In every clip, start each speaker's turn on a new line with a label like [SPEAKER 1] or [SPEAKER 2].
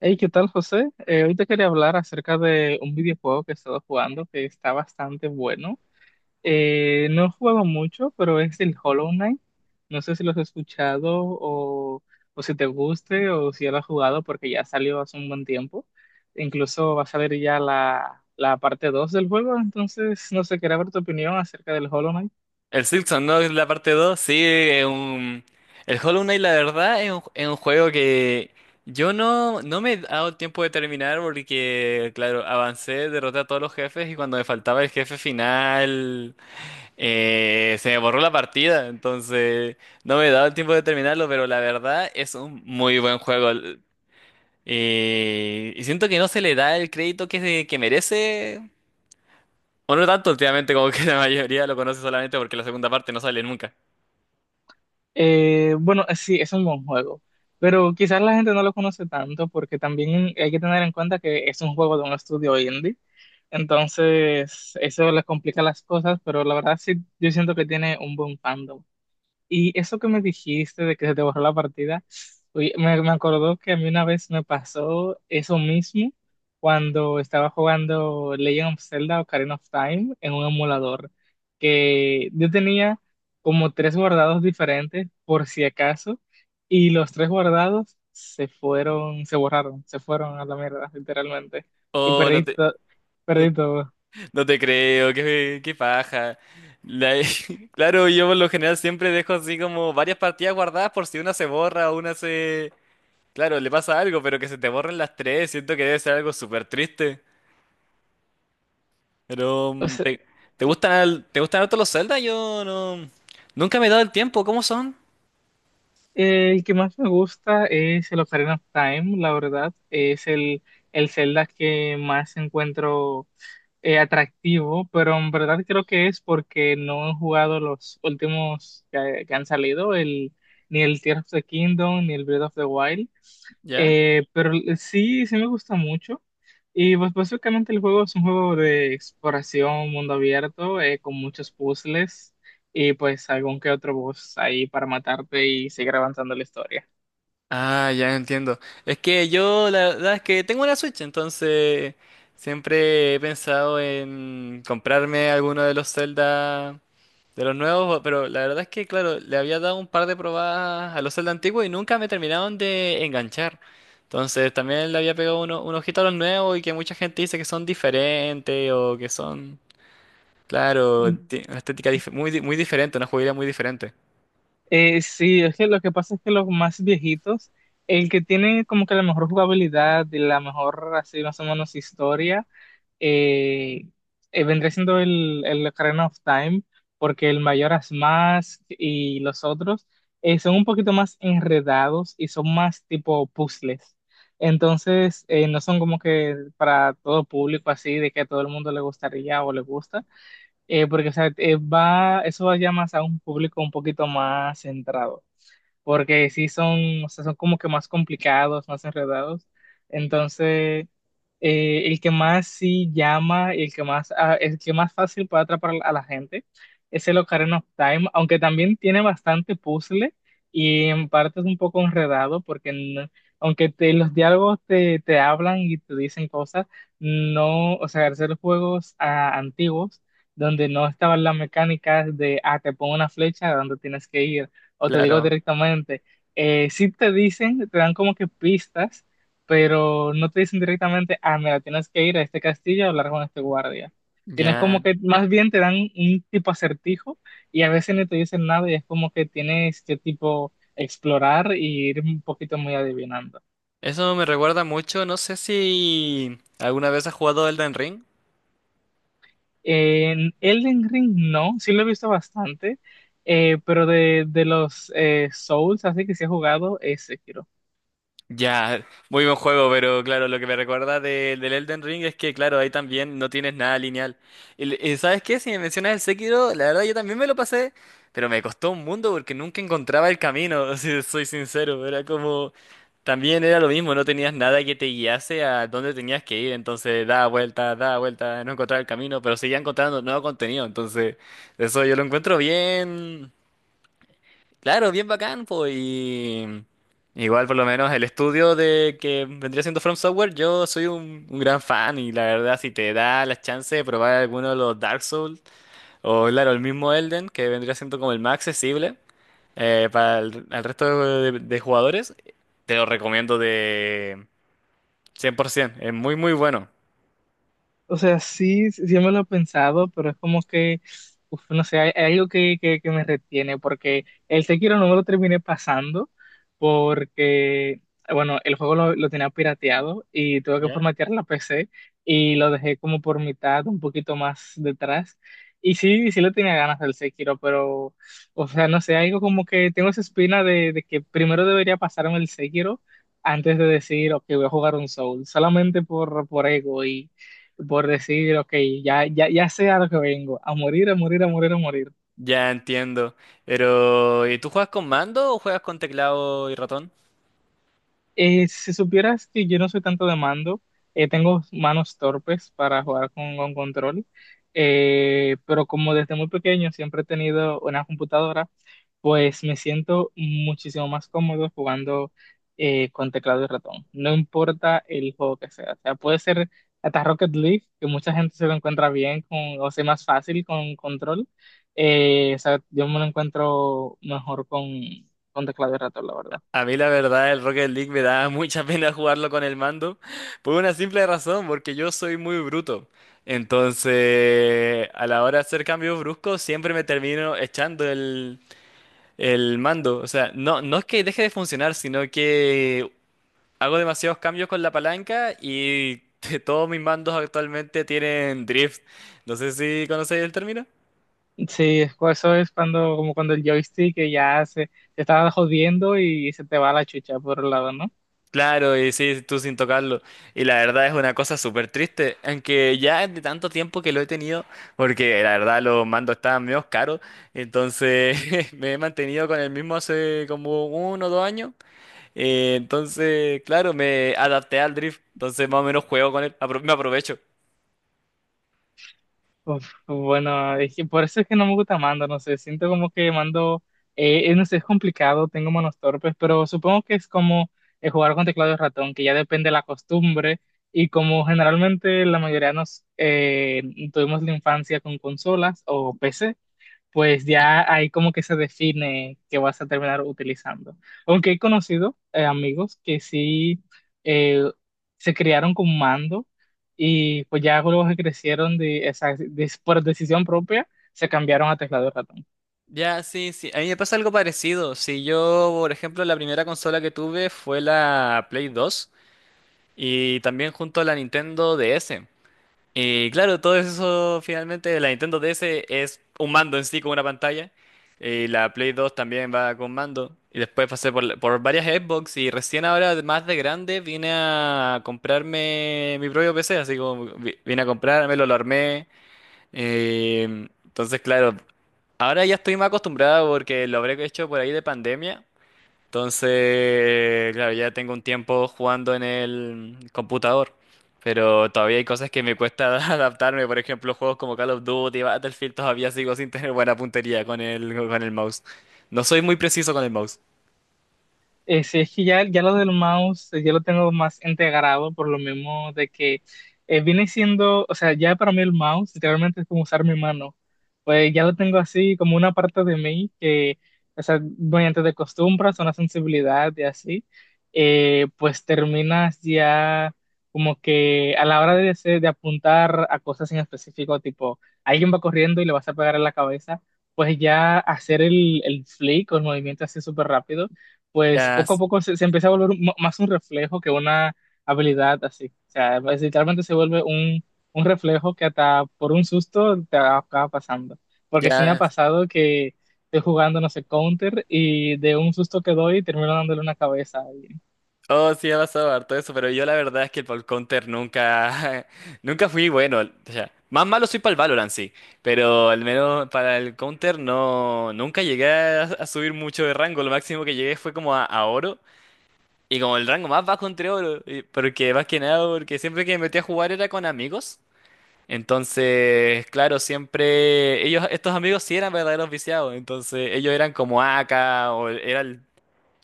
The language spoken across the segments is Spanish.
[SPEAKER 1] Hey, ¿qué tal, José? Hoy te quería hablar acerca de un videojuego que he estado jugando que está bastante bueno. No he jugado mucho, pero es el Hollow Knight. No sé si lo has escuchado o si te guste o si ya lo has jugado porque ya salió hace un buen tiempo. Incluso va a salir ya la parte 2 del juego, entonces no sé, quería ver tu opinión acerca del Hollow Knight.
[SPEAKER 2] El Silksong, ¿no? La parte 2, sí, es un... El Hollow Knight, la verdad, es es un juego que yo no, no me he dado tiempo de terminar porque, claro, avancé, derroté a todos los jefes y cuando me faltaba el jefe final, se me borró la partida, entonces no me he dado el tiempo de terminarlo, pero la verdad es un muy buen juego. Y siento que no se le da el crédito que merece, o no tanto últimamente, como que la mayoría lo conoce solamente porque la segunda parte no sale nunca.
[SPEAKER 1] Bueno, sí, es un buen juego, pero quizás la gente no lo conoce tanto porque también hay que tener en cuenta que es un juego de un estudio indie, entonces eso les complica las cosas, pero la verdad sí, yo siento que tiene un buen fandom. Y eso que me dijiste de que se te borró la partida, oye, me acordó que a mí una vez me pasó eso mismo cuando estaba jugando Legend of Zelda Ocarina of Time en un emulador, que yo tenía como tres guardados diferentes por si acaso, y los tres guardados se fueron, se borraron, se fueron a la mierda, literalmente, y
[SPEAKER 2] Oh, no te, no,
[SPEAKER 1] perdí todo.
[SPEAKER 2] no te creo, qué paja. La- claro, yo por lo general siempre dejo así como varias partidas guardadas por si una se borra o una se... Claro, le pasa algo, pero que se te borren las tres, siento que debe ser algo súper triste. Pero,
[SPEAKER 1] O sea,
[SPEAKER 2] ¿te gustan, te gustan harto los Zelda? Yo no... Nunca me he dado el tiempo, ¿cómo son?
[SPEAKER 1] El que más me gusta es el Ocarina of Time, la verdad. Es el Zelda que más encuentro atractivo, pero en verdad creo que es porque no he jugado los últimos que han salido, ni el Tears of the Kingdom, ni el Breath of the Wild.
[SPEAKER 2] ¿Ya?
[SPEAKER 1] Pero sí, sí me gusta mucho. Y pues básicamente el juego es un juego de exploración, mundo abierto, con muchos puzzles y pues algún que otro boss ahí para matarte y seguir avanzando la historia.
[SPEAKER 2] Ah, ya entiendo. Es que yo la verdad es que tengo una Switch, entonces siempre he pensado en comprarme alguno de los Zelda de los nuevos, pero la verdad es que, claro, le había dado un par de probadas a los Zelda antiguos y nunca me terminaron de enganchar. Entonces también le había pegado un ojito a los nuevos, y que mucha gente dice que son diferentes o que son, claro,
[SPEAKER 1] Mm,
[SPEAKER 2] una estética muy diferente, una jugabilidad muy diferente.
[SPEAKER 1] sí, es que lo que pasa es que los más viejitos, el que tiene como que la mejor jugabilidad y la mejor, así más o menos, historia, eh, vendría siendo el Ocarina of Time, porque el Mayoras más y los otros son un poquito más enredados y son más tipo puzzles. Entonces, no son como que para todo público así, de que a todo el mundo le gustaría o le gusta, porque o sea, va, eso va ya más a un público un poquito más centrado porque sí son, o sea, son como que más complicados, más enredados. Entonces, el que más sí llama y el que más, ah, el que más fácil puede atrapar a la gente es el Ocarina of Time, aunque también tiene bastante puzzle y en parte es un poco enredado porque los diálogos te hablan y te dicen cosas, no, o sea, hacer juegos ah, antiguos donde no estaban las mecánicas de, ah, te pongo una flecha a dónde tienes que ir o te digo
[SPEAKER 2] Claro,
[SPEAKER 1] directamente, sí te dicen, te dan como que pistas, pero no te dicen directamente, ah, mira, tienes que ir a este castillo a hablar con este guardia. Tienes
[SPEAKER 2] ya.
[SPEAKER 1] como que, más bien te dan un tipo acertijo y a veces ni te dicen nada y es como que tienes que tipo explorar y ir un poquito muy adivinando.
[SPEAKER 2] Eso me recuerda mucho, no sé si alguna vez has jugado Elden Ring.
[SPEAKER 1] En Elden Ring no, sí lo he visto bastante, pero de los Souls, así que sí he jugado ese.
[SPEAKER 2] Ya, muy buen juego, pero claro, lo que me recuerda del Elden Ring es que, claro, ahí también no tienes nada lineal. Y, y ¿sabes qué? Si me mencionas el Sekiro, la verdad yo también me lo pasé, pero me costó un mundo porque nunca encontraba el camino, si soy sincero. Era como, también era lo mismo, no tenías nada que te guiase a dónde tenías que ir, entonces da vuelta, no encontraba el camino, pero seguía encontrando nuevo contenido, entonces eso yo lo encuentro bien. Claro, bien bacán, pues. Y igual, por lo menos, el estudio de que vendría siendo From Software, yo soy un gran fan. Y la verdad, si te da la chance de probar alguno de los Dark Souls, o claro, el mismo Elden, que vendría siendo como el más accesible para al resto de jugadores, te lo recomiendo de 100%. Es muy, muy bueno.
[SPEAKER 1] O sea, sí, sí me lo he pensado, pero es como que, uf, no sé, hay algo que me retiene, porque el Sekiro no me lo terminé pasando, porque, bueno, el juego lo tenía pirateado y tuve que
[SPEAKER 2] ¿Ya?
[SPEAKER 1] formatear la PC y lo dejé como por mitad, un poquito más detrás. Y sí, sí le tenía ganas del Sekiro, pero, o sea, no sé, algo como que tengo esa espina de que primero debería pasarme el Sekiro antes de decir, ok, voy a jugar un Soul, solamente por ego, por decir, ok, ya sé a lo que vengo, a morir, a morir, a morir, a morir.
[SPEAKER 2] Ya entiendo. Pero, ¿y tú juegas con mando o juegas con teclado y ratón?
[SPEAKER 1] Si supieras que yo no soy tanto de mando, tengo manos torpes para jugar con control, pero como desde muy pequeño siempre he tenido una computadora, pues me siento muchísimo más cómodo jugando con teclado y ratón. No importa el juego que sea. O sea, puede ser hasta Rocket League, que mucha gente se lo encuentra bien con, o sea, más fácil con control. O sea, yo me lo encuentro mejor con teclado y ratón, la verdad.
[SPEAKER 2] A mí la verdad el Rocket League me da mucha pena jugarlo con el mando por una simple razón, porque yo soy muy bruto. Entonces, a la hora de hacer cambios bruscos, siempre me termino echando el mando. O sea, no, no es que deje de funcionar, sino que hago demasiados cambios con la palanca y todos mis mandos actualmente tienen drift. No sé si conocéis el término.
[SPEAKER 1] Sí, eso es cuando, como cuando el joystick se está jodiendo y se te va la chucha por un lado, ¿no?
[SPEAKER 2] Claro, y sí, tú sin tocarlo. Y la verdad es una cosa súper triste, aunque ya es de tanto tiempo que lo he tenido, porque la verdad los mandos estaban medio caros, entonces me he mantenido con el mismo hace como uno o dos años. Entonces, claro, me adapté al drift, entonces más o menos juego con él, me aprovecho.
[SPEAKER 1] Uf, bueno, es que por eso es que no me gusta Mando, no sé, siento como que Mando, no sé, es complicado, tengo manos torpes, pero supongo que es como jugar con teclado y ratón, que ya depende de la costumbre, y como generalmente la mayoría nos tuvimos la infancia con consolas o PC, pues ya ahí como que se define que vas a terminar utilizando. Aunque he conocido amigos que sí eh, se criaron con mando y pues ya luego que crecieron por decisión propia, se cambiaron a teclado y ratón.
[SPEAKER 2] Ya, sí, sí, a mí me pasa algo parecido. Si yo, por ejemplo, la primera consola que tuve fue la Play 2, y también junto a la Nintendo DS. Y claro, todo eso finalmente, la Nintendo DS es un mando en sí con una pantalla. Y la Play 2 también va con mando. Y después pasé por, por varias Xbox, y recién ahora, más de grande, vine a comprarme mi propio PC. Así como vine a comprármelo, lo armé. eh, entonces, claro, ahora ya estoy más acostumbrado porque lo habré hecho por ahí de pandemia. Entonces, claro, ya tengo un tiempo jugando en el computador, pero todavía hay cosas que me cuesta adaptarme. Por ejemplo, juegos como Call of Duty, Battlefield, todavía sigo sin tener buena puntería con con el mouse. No soy muy preciso con el mouse.
[SPEAKER 1] Sí, es que ya lo del mouse, ya lo tengo más integrado por lo mismo de que viene siendo, o sea, ya para mí el mouse literalmente es como usar mi mano. Pues ya lo tengo así como una parte de mí que, o sea, mediante de costumbres, una sensibilidad y así, pues terminas ya como que a la hora de, de apuntar a cosas en específico, tipo, alguien va corriendo y le vas a pegar en la cabeza, pues ya hacer el flick o el movimiento así súper rápido, pues
[SPEAKER 2] Ya,
[SPEAKER 1] poco a
[SPEAKER 2] s-
[SPEAKER 1] poco se empieza a volver más un reflejo que una habilidad así. O sea, pues, literalmente se vuelve un reflejo que hasta por un susto te acaba pasando. Porque sí me ha
[SPEAKER 2] ya.
[SPEAKER 1] pasado que estoy jugando, no sé, counter y de un susto que doy termino dándole una cabeza a alguien.
[SPEAKER 2] Oh, sí, ha pasado harto eso, pero yo la verdad es que para el Counter nunca, nunca fui bueno. O sea, más malo soy para el Valorant, sí, pero al menos para el Counter no, nunca llegué a subir mucho de rango. Lo máximo que llegué fue como a oro. Y como el rango más bajo entre oro, porque más que nada, porque siempre que me metí a jugar era con amigos. Entonces, claro, siempre ellos, estos amigos sí eran verdaderos viciados. Entonces, ellos eran como AK, o era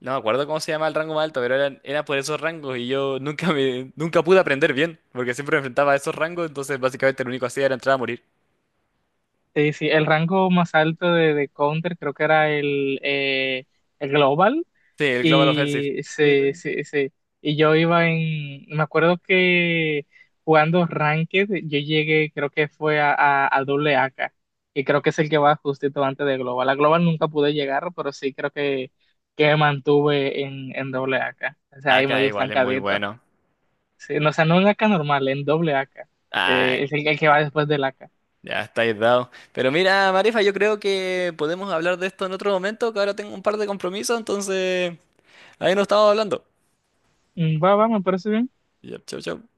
[SPEAKER 2] no me acuerdo cómo se llama el rango más alto, pero eran, era por esos rangos, y yo nunca pude aprender bien, porque siempre me enfrentaba a esos rangos, entonces básicamente lo único que hacía era entrar a morir.
[SPEAKER 1] Sí, sí, el rango más alto de counter creo que era el global.
[SPEAKER 2] Sí, el Global Offensive.
[SPEAKER 1] Y, se, se, se- y yo iba en, me acuerdo que jugando Ranked, yo llegué, creo que fue a doble AK, que creo que es el que va justito antes de Global. A Global nunca pude llegar, pero sí creo que me mantuve en doble AK. O sea, ahí
[SPEAKER 2] AK
[SPEAKER 1] medio
[SPEAKER 2] igual es muy
[SPEAKER 1] estancadito.
[SPEAKER 2] bueno.
[SPEAKER 1] Sí, no, o sea, no en AK normal, en doble AK. Es el que va después del AK.
[SPEAKER 2] Ya estáis dado. Pero mira, Marifa, yo creo que podemos hablar de esto en otro momento, que ahora tengo un par de compromisos, entonces ahí nos estamos hablando.
[SPEAKER 1] Va, va, me parece bien.
[SPEAKER 2] Ya, chau, chau.